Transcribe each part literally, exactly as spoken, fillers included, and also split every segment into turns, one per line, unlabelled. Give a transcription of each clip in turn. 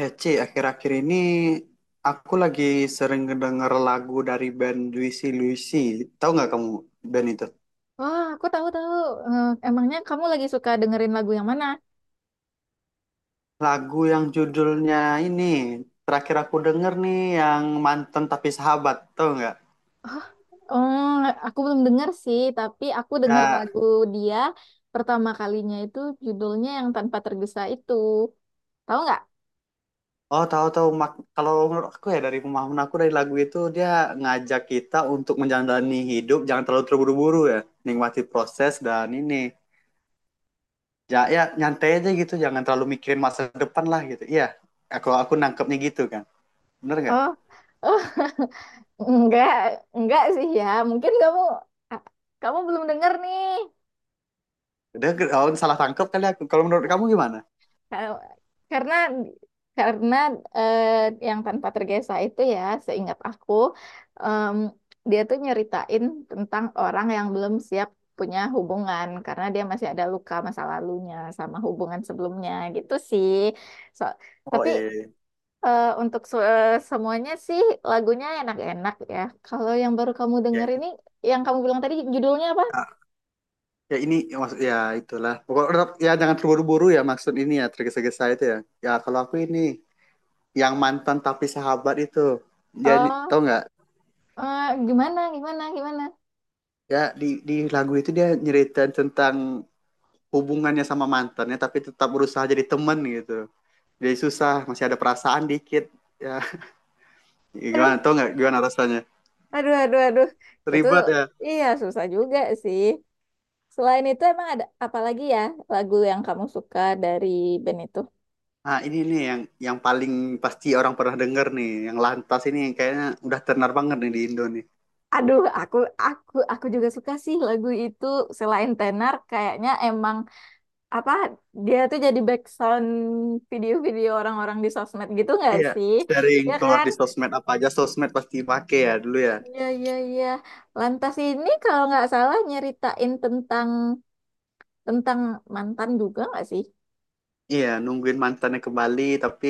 Eh, Ci, akhir-akhir ini aku lagi sering ngedenger lagu dari band Juicy Luicy. Tahu nggak kamu band itu?
Oh, aku tahu tahu. Eh, emangnya kamu lagi suka dengerin lagu yang mana?
Lagu yang judulnya ini, terakhir aku denger nih yang mantan tapi sahabat, tahu nggak?
Oh, oh, aku belum denger sih, tapi aku denger
Ya,
lagu dia pertama kalinya itu judulnya yang Tanpa Tergesa itu. Tahu nggak?
oh, tahu tahu, mak- kalau menurut aku ya, dari pemahaman aku dari lagu itu, dia ngajak kita untuk menjalani hidup, jangan terlalu terburu-buru ya, nikmati proses dan ini. Ya, ya nyantai aja gitu, jangan terlalu mikirin masa depan lah gitu. Iya, aku aku nangkepnya gitu kan. Bener nggak?
Oh, oh, enggak, enggak sih ya. Mungkin kamu a- kamu belum denger nih.
Dia ke- oh, salah tangkap kali aku. Kalau menurut kamu gimana?
Kalau- Karena karena eh, yang tanpa tergesa itu ya, seingat aku, em, dia tuh nyeritain tentang orang yang belum siap punya hubungan karena dia masih ada luka masa lalunya sama hubungan sebelumnya gitu sih. So,
Oh,
tapi
eh
eh, untuk se- semuanya sih lagunya enak-enak ya. Kalau yang baru kamu
ya.
denger ini, yang kamu bilang tadi judulnya apa?
Ya ini ya, maksud ya itulah. Pokoknya tetap- ya jangan terburu-buru ya, maksud ini ya tergesa-gesa itu ya. Ya kalau aku ini yang mantan tapi sahabat itu. Dia ny-
Oh,
tau nggak?
eh, gimana, gimana, gimana?
Ya di di lagu itu dia nyeritain tentang hubungannya sama mantannya tapi tetap berusaha jadi teman gitu. Jadi susah, masih ada perasaan dikit. Ya, gimana? Tau nggak gimana rasanya?
Aduh, aduh, aduh. Itu tuh
Ribet ya.
iya susah juga sih. Selain itu emang ada apa lagi ya lagu yang kamu suka dari band itu?
Nah, ini nih yang yang paling pasti orang pernah dengar nih, yang lantas ini yang kayaknya udah tenar banget nih di Indo nih.
Aduh, aku aku aku juga suka sih lagu itu selain tenar kayaknya emang apa dia tuh jadi background video-video orang-orang di sosmed gitu nggak
Iya,
sih?
sering
Ya
keluar
kan?
di sosmed, apa aja sosmed pasti pakai ya dulu ya.
Iya, iya, iya. Lantas ini kalau nggak salah nyeritain tentang tentang mantan juga nggak sih?
Iya, nungguin mantannya ke Bali tapi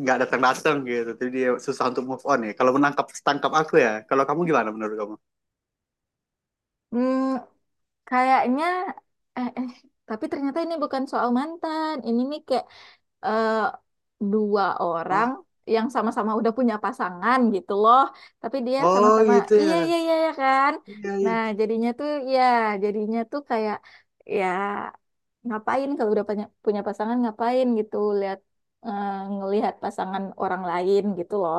nggak datang-datang gitu. Jadi dia susah untuk move on ya. Kalau menangkap tangkap aku ya. Kalau kamu gimana menurut kamu?
Hmm, Kayaknya eh, eh tapi ternyata ini bukan soal mantan. Ini nih kayak eh, dua orang
Oh,
yang sama-sama udah punya pasangan gitu loh. Tapi dia
oh
sama-sama
gitu
iya iya
ya.
iya ya kan.
Iya, iya.
Nah, jadinya tuh ya jadinya tuh kayak ya ngapain kalau udah punya punya pasangan ngapain gitu lihat eh, ngelihat pasangan orang lain gitu loh.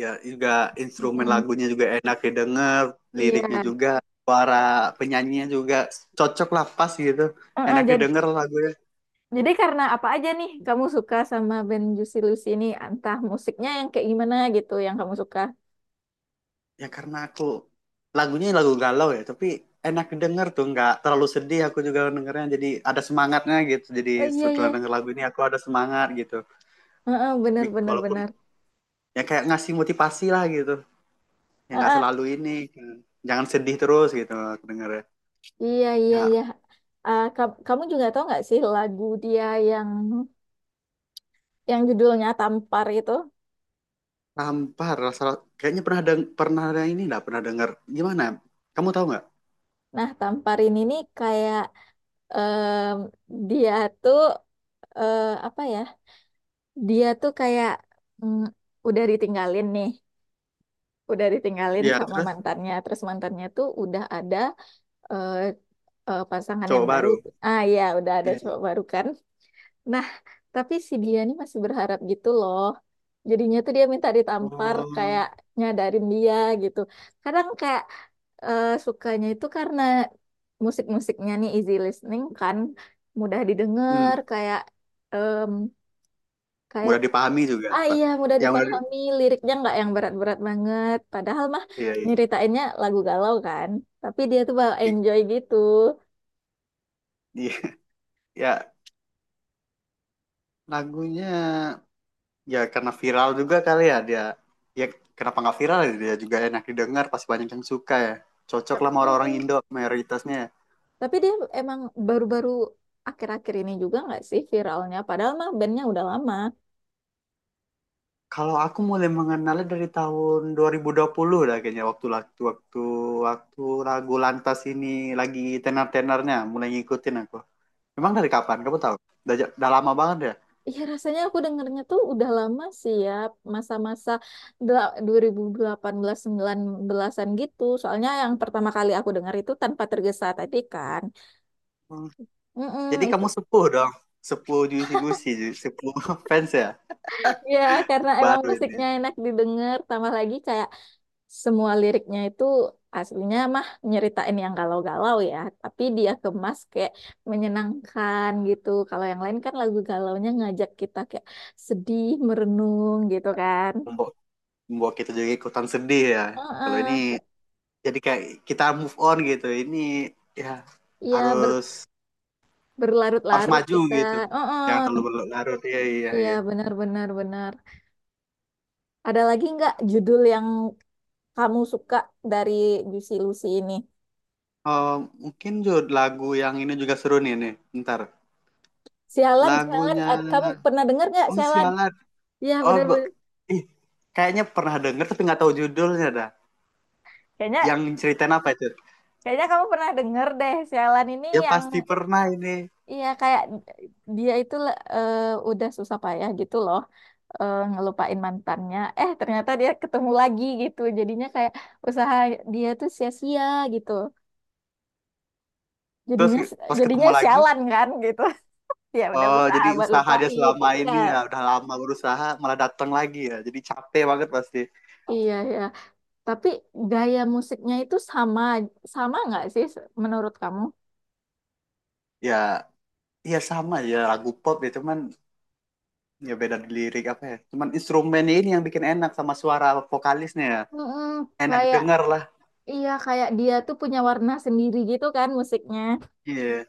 Ya, juga instrumen
Mm-mm.
lagunya juga enak didengar,
Iya.
liriknya juga, suara penyanyinya juga cocok lah pas gitu.
Heeh,
Enak
jad-
didengar lagunya.
Jadi karena apa aja nih kamu suka sama band Juicy Lucy ini? Entah musiknya yang kayak gimana gitu yang kamu suka.
Ya karena aku, lagunya lagu galau ya tapi enak denger tuh, nggak terlalu sedih aku juga dengernya, jadi ada semangatnya gitu. Jadi
Oh iya
setelah
iya,
denger lagu ini aku ada semangat gitu.
Heeh, bener
Bi-
bener
walaupun
bener.
ya kayak ngasih motivasi lah gitu, ya nggak
Heeh,
selalu ini jangan sedih terus gitu aku dengernya
iya iya iya.
ya.
Ah, ka- kamu juga tahu nggak sih lagu dia yang yang judulnya Tampar itu?
Tampar rasa, kayaknya pernah deng pernah ada ini, nggak pernah denger. Gimana? Kamu tahu nggak?
Nah, Tampar ini nih kayak em, dia tuh eh, apa ya? Dia tuh kayak mm, udah ditinggalin nih, udah ditinggalin
Ya
sama
terus
mantannya. Terus mantannya tuh udah ada eh, eh, pasangan yang
cowok
baru.
baru.
Ah ya, udah ada cowok
Iya.
baru kan. Nah, tapi si dia ini masih berharap gitu loh. Jadinya tuh dia minta ditampar
Oh,
kayak nyadarin dia gitu. Kadang kayak eh, sukanya itu karena musik-musiknya nih easy listening kan, mudah
hmm.
didengar kayak em, kayak
Mudah dipahami juga,
ah
Pak.
iya mudah
Yang mudah di-
dipahami, liriknya nggak yang berat-berat banget. Padahal mah
iya, iya.
nyeritainnya lagu galau kan, tapi dia tuh bawa enjoy gitu.
Iya. Ya. Lagunya, ya karena viral juga kali ya dia. Ya kenapa nggak viral ya? Dia juga enak didengar, pasti banyak yang suka ya. Cocok lah sama orang-orang
Mm-mm.
Indo mayoritasnya, ya.
Tapi dia emang baru-baru akhir-akhir ini juga nggak sih viralnya? Padahal mah bandnya udah lama.
Kalau aku mulai mengenalnya dari tahun dua ribu dua puluh lah kayaknya, waktu waktu waktu waktu lagu Lantas ini lagi tenar-tenarnya mulai ngikutin aku.
Eh,
Memang dari kapan? Kamu tahu? Udah, ja-, udah lama banget ya.
Iya rasanya aku dengernya tuh udah lama sih ya. Masa-masa del- dua ribu delapan belas-sembilan belasan gitu. Soalnya yang pertama kali aku denger itu Tanpa Tergesa tadi kan.
Hmm.
Mm-mm,
Jadi
itu.
kamu sepuh dong. Sepuh Juicy Lucy, Ju- sepuh fans ya.
Ya karena emang
Baru
musiknya
ini.
enak didengar. Tambah lagi kayak semua liriknya itu aslinya mah nyeritain yang galau-galau ya, tapi dia kemas kayak menyenangkan gitu. Kalau yang lain kan lagu galaunya ngajak kita kayak sedih, merenung gitu kan.
Membuat kita juga ikutan sedih ya. Kalau ini
Heeh.
jadi kayak kita move on gitu. Ini ya
Iya ber-
harus harus
berlarut-larut
maju
kita.
gitu. Jangan terlalu
Heeh.
berlarut. Iya iya
Iya
iya.
benar-benar benar. Ada lagi nggak judul yang kamu suka dari Juicy Lucy ini?
Oh, mungkin Jod, lagu yang ini juga seru nih nih. Ntar
Sialan, sialan.
lagunya,
Ad- Kamu pernah dengar nggak
oh
sialan?
sialan.
Iya
Oh be-
benar-benar.
ih, kayaknya pernah denger tapi nggak tahu judulnya dah.
Kayaknya
Yang ceritain apa itu?
Kayaknya kamu pernah denger deh, sialan ini
Ya
yang
pasti pernah ini.
iya kayak dia itu eh, udah susah payah gitu loh eh, ngelupain mantannya. Eh, ternyata dia ketemu lagi gitu. Jadinya kayak usaha dia tuh sia-sia gitu.
Terus
Jadinya
pas
jadinya
ketemu lagi.
sialan kan gitu. Ya udah
Oh,
usaha
jadi
buat
usaha dia
lupain.
selama
Iya.
ini, ya udah lama berusaha malah datang lagi ya. Jadi capek banget pasti.
Iya ya. Tapi gaya musiknya itu sama sama nggak sih menurut kamu?
Ya, iya sama ya, lagu pop ya cuman ya beda di lirik apa ya. Cuman instrumennya ini yang bikin enak, sama suara vokalisnya ya.
Mm-mm,
Enak
kayak
didengar lah.
iya kayak dia tuh punya warna sendiri gitu kan musiknya.
Iya,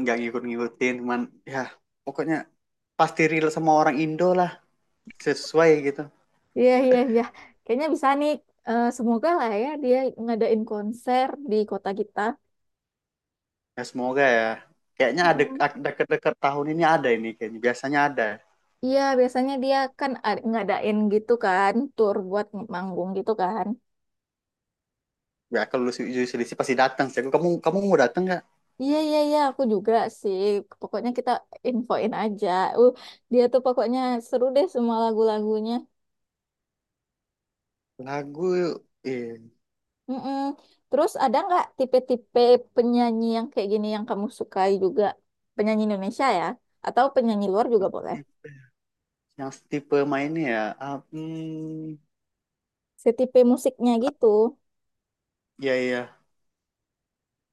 nggak ngikut-ngikutin, cuman ya pokoknya pasti real sama orang Indo lah, sesuai gitu.
Iya, iya, iya. Kayaknya bisa nih. Eh, semoga lah ya dia ngadain konser di kota kita.
Ya semoga ya. Kayaknya ada
Mm.
ada- deket-deket tahun ini ada ini kayaknya. Biasanya ada.
Iya, biasanya dia kan ad- ngadain gitu kan, tour buat manggung gitu kan.
Ya kalau lu selisih pasti datang sih. Kamu kamu mau datang nggak?
Iya, iya, iya, aku juga sih. Pokoknya kita infoin aja. Uh, dia tuh pokoknya seru deh semua lagu-lagunya.
Lagu eh,
Mm-mm. Terus ada nggak tipe-tipe penyanyi yang kayak gini yang kamu sukai juga? Penyanyi Indonesia ya? Atau penyanyi luar juga boleh?
yang tipe mainnya ya. ah, hmm,
Setipe musiknya gitu.
ya ya.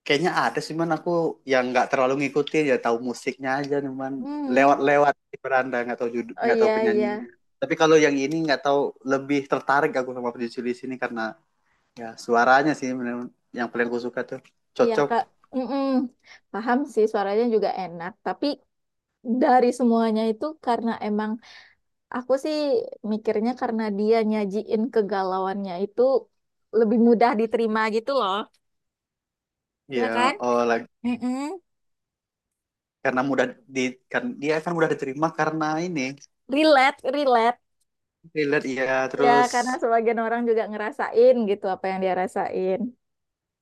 Kayaknya ada sih, man, aku yang nggak terlalu ngikutin ya, tahu musiknya aja nih, man.
Hmm,
Lewat-lewat di beranda, nggak tahu judul,
oh
nggak tahu
iya iya
penyanyinya. Tapi kalau yang ini nggak tahu, lebih tertarik aku sama penyanyi di sini karena ya suaranya sih bener, yang paling aku suka tuh
iya
cocok.
Kak, Mm-mm. Paham sih suaranya juga enak. Tapi dari semuanya itu karena emang aku sih mikirnya karena dia nyajiin kegalauannya itu lebih mudah diterima gitu loh, ya kan?
Ya, oh lagi
Mm-mm.
karena mudah di, kan dia kan mudah diterima karena ini
Relate, relate.
relate ya.
Ya
Terus
karena sebagian orang juga ngerasain gitu apa yang dia rasain.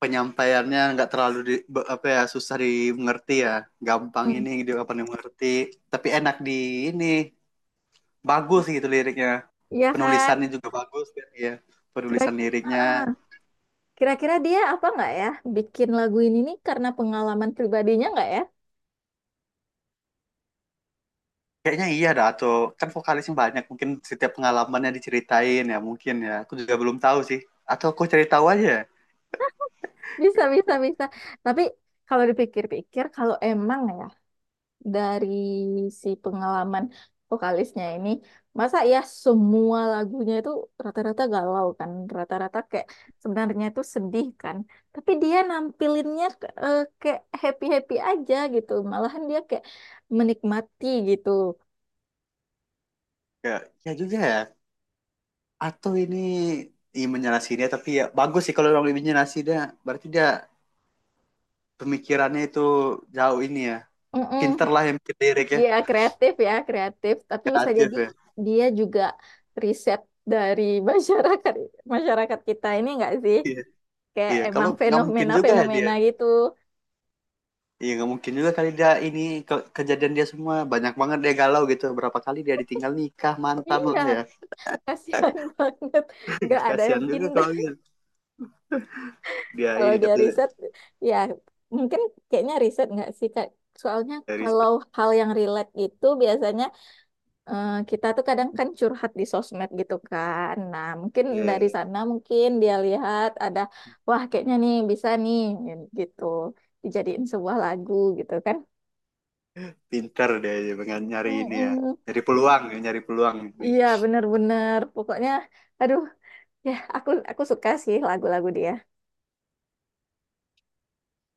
penyampaiannya nggak terlalu di, apa ya, susah dimengerti ya, gampang
Hmm.
ini dia apa dimengerti, tapi enak di ini, bagus gitu liriknya,
Iya kan?
penulisannya juga bagus kan ya,
Kira
penulisan liriknya.
Uh-uh. Kira-kira dia apa nggak ya bikin lagu ini nih karena pengalaman pribadinya nggak ya?
Kayaknya iya dah, atau kan vokalisnya banyak, mungkin setiap pengalamannya diceritain ya, mungkin ya aku juga belum tahu sih, atau aku cari tahu aja ya.
Bisa, bisa, bisa. Tapi kalau dipikir-pikir, kalau emang ya dari si pengalaman vokalisnya ini, masa ya semua lagunya itu rata-rata galau kan, rata-rata kayak sebenarnya itu sedih kan. Tapi dia nampilinnya ke- eh, kayak happy-happy aja gitu, malahan dia kayak menikmati gitu.
Ya ya juga ya, atau ini imannya nasinya, tapi ya bagus sih kalau orang imannya nasinya, berarti dia pemikirannya itu jauh ini ya, pinter
Mm-mm.
lah yang bikin lirik ya,
Iya, kreatif ya, kreatif. Tapi bisa jadi
kreatif ya.
dia juga riset dari masyarakat masyarakat kita ini enggak sih?
Iya
Kayak
iya,
emang
kalau nggak mungkin juga ya dia,
fenomena-fenomena gitu.
iya nggak mungkin juga kali dia ini ke- kejadian dia semua, banyak banget dia galau gitu, berapa kali dia ditinggal nikah mantan
Iya,
lah ya.
kasihan banget. Nggak ada
Kasihan
yang
juga
indah.
kalau dia. Dia
Kalau
ini
dia
tapi
riset, ya mungkin kayaknya riset nggak sih, Kak? Soalnya
dari,
kalau hal yang relate gitu biasanya eh, kita tuh kadang kan curhat di sosmed gitu kan. Nah, mungkin
iya,
dari
iya.
sana mungkin dia lihat ada, wah kayaknya nih bisa nih gitu. Dijadiin sebuah lagu gitu kan.
Pinter dia ya, pengen nyari ini ya,
Mm-mm.
nyari peluang ya, nyari peluang.
Iya, bener-bener. Pokoknya, aduh. Ya, aku aku suka sih lagu-lagu dia.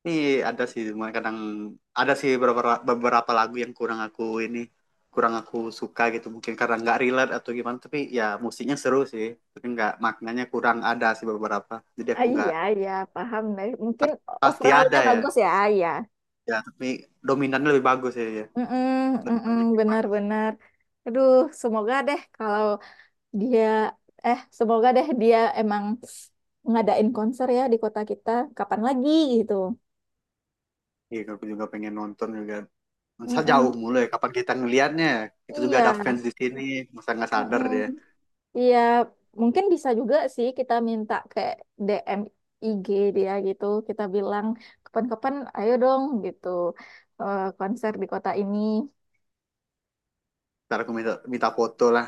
Nih ada sih, cuma kadang ada sih beberapa beberapa lagu yang kurang aku ini, kurang aku suka gitu. Mungkin karena nggak relate atau gimana, tapi ya musiknya seru sih. Tapi nggak maknanya kurang ada sih beberapa. Jadi
Ah,
aku nggak
iya, iya, paham deh. Mungkin
pasti
overallnya
ada ya.
bagus ya, ah, iya.
Ya, tapi dominannya lebih bagus sih ya.
Mm-mm,
Lebih
mm-mm,
banyak yang bagus.
benar-benar. Aduh, semoga deh kalau dia eh semoga deh dia emang ngadain konser ya di kota kita kapan lagi gitu.
Iya, aku juga pengen nonton juga. Masa jauh
Mm-mm,
mulu ya, kapan kita ngelihatnya, ya? Kita juga
iya.
ada fans di sini, masa nggak sadar
Mm-mm.
dia.
Iya, mungkin bisa juga sih kita minta kayak D M I G dia gitu. Kita bilang kapan-kapan ayo dong gitu eh, konser di kota ini.
Ntar aku minta minta foto lah.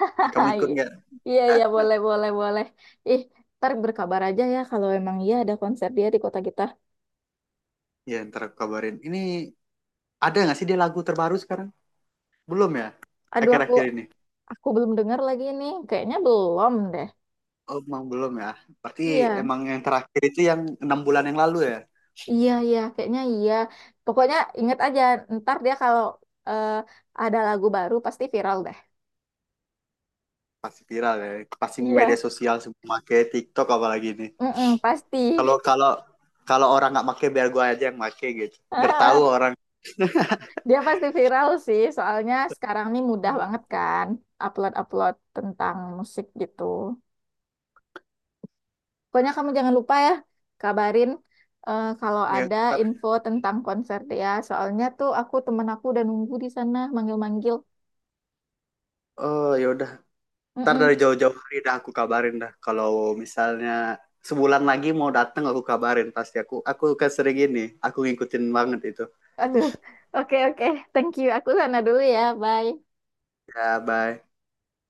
Kamu
Hai.
ikut nggak?
Iya, iya boleh, boleh, boleh. Ih, ntar berkabar aja ya kalau emang iya ada konser dia di kota kita.
Ya, ntar aku kabarin. Ini ada nggak sih dia lagu terbaru sekarang? Belum ya?
Aduh, aku
Akhir-akhir ini.
aku belum dengar lagi nih. Kayaknya belum deh.
Oh, emang belum ya. Berarti
Iya,
emang yang terakhir itu yang enam bulan yang lalu ya.
iya, iya, kayaknya iya. Pokoknya inget aja, ntar dia kalau eh, ada lagu baru pasti viral deh.
Pasti viral ya. Pasti media
Iya.
sosial semua pakai TikTok apalagi ini.
Mm-mm, pasti.
Kalau kalau kalau orang nggak pakai, biar gua aja yang pakai gitu. Biar tahu orang,
Dia pasti viral sih, soalnya sekarang nih mudah banget kan upload-upload tentang musik gitu. Pokoknya kamu jangan lupa ya, kabarin eh, kalau
ya
ada
ntar.
info tentang konser dia. Soalnya tuh aku temen aku udah nunggu di sana manggil-manggil.
Oh ya udah. Ntar
Mm-mm.
dari jauh-jauh hari dah aku kabarin dah. Kalau misalnya sebulan lagi mau datang aku kabarin pasti, aku aku kan sering ini. Aku ngikutin banget itu.
Aduh, oke oke, Thank you. Aku sana dulu ya, bye.
Ya, bye.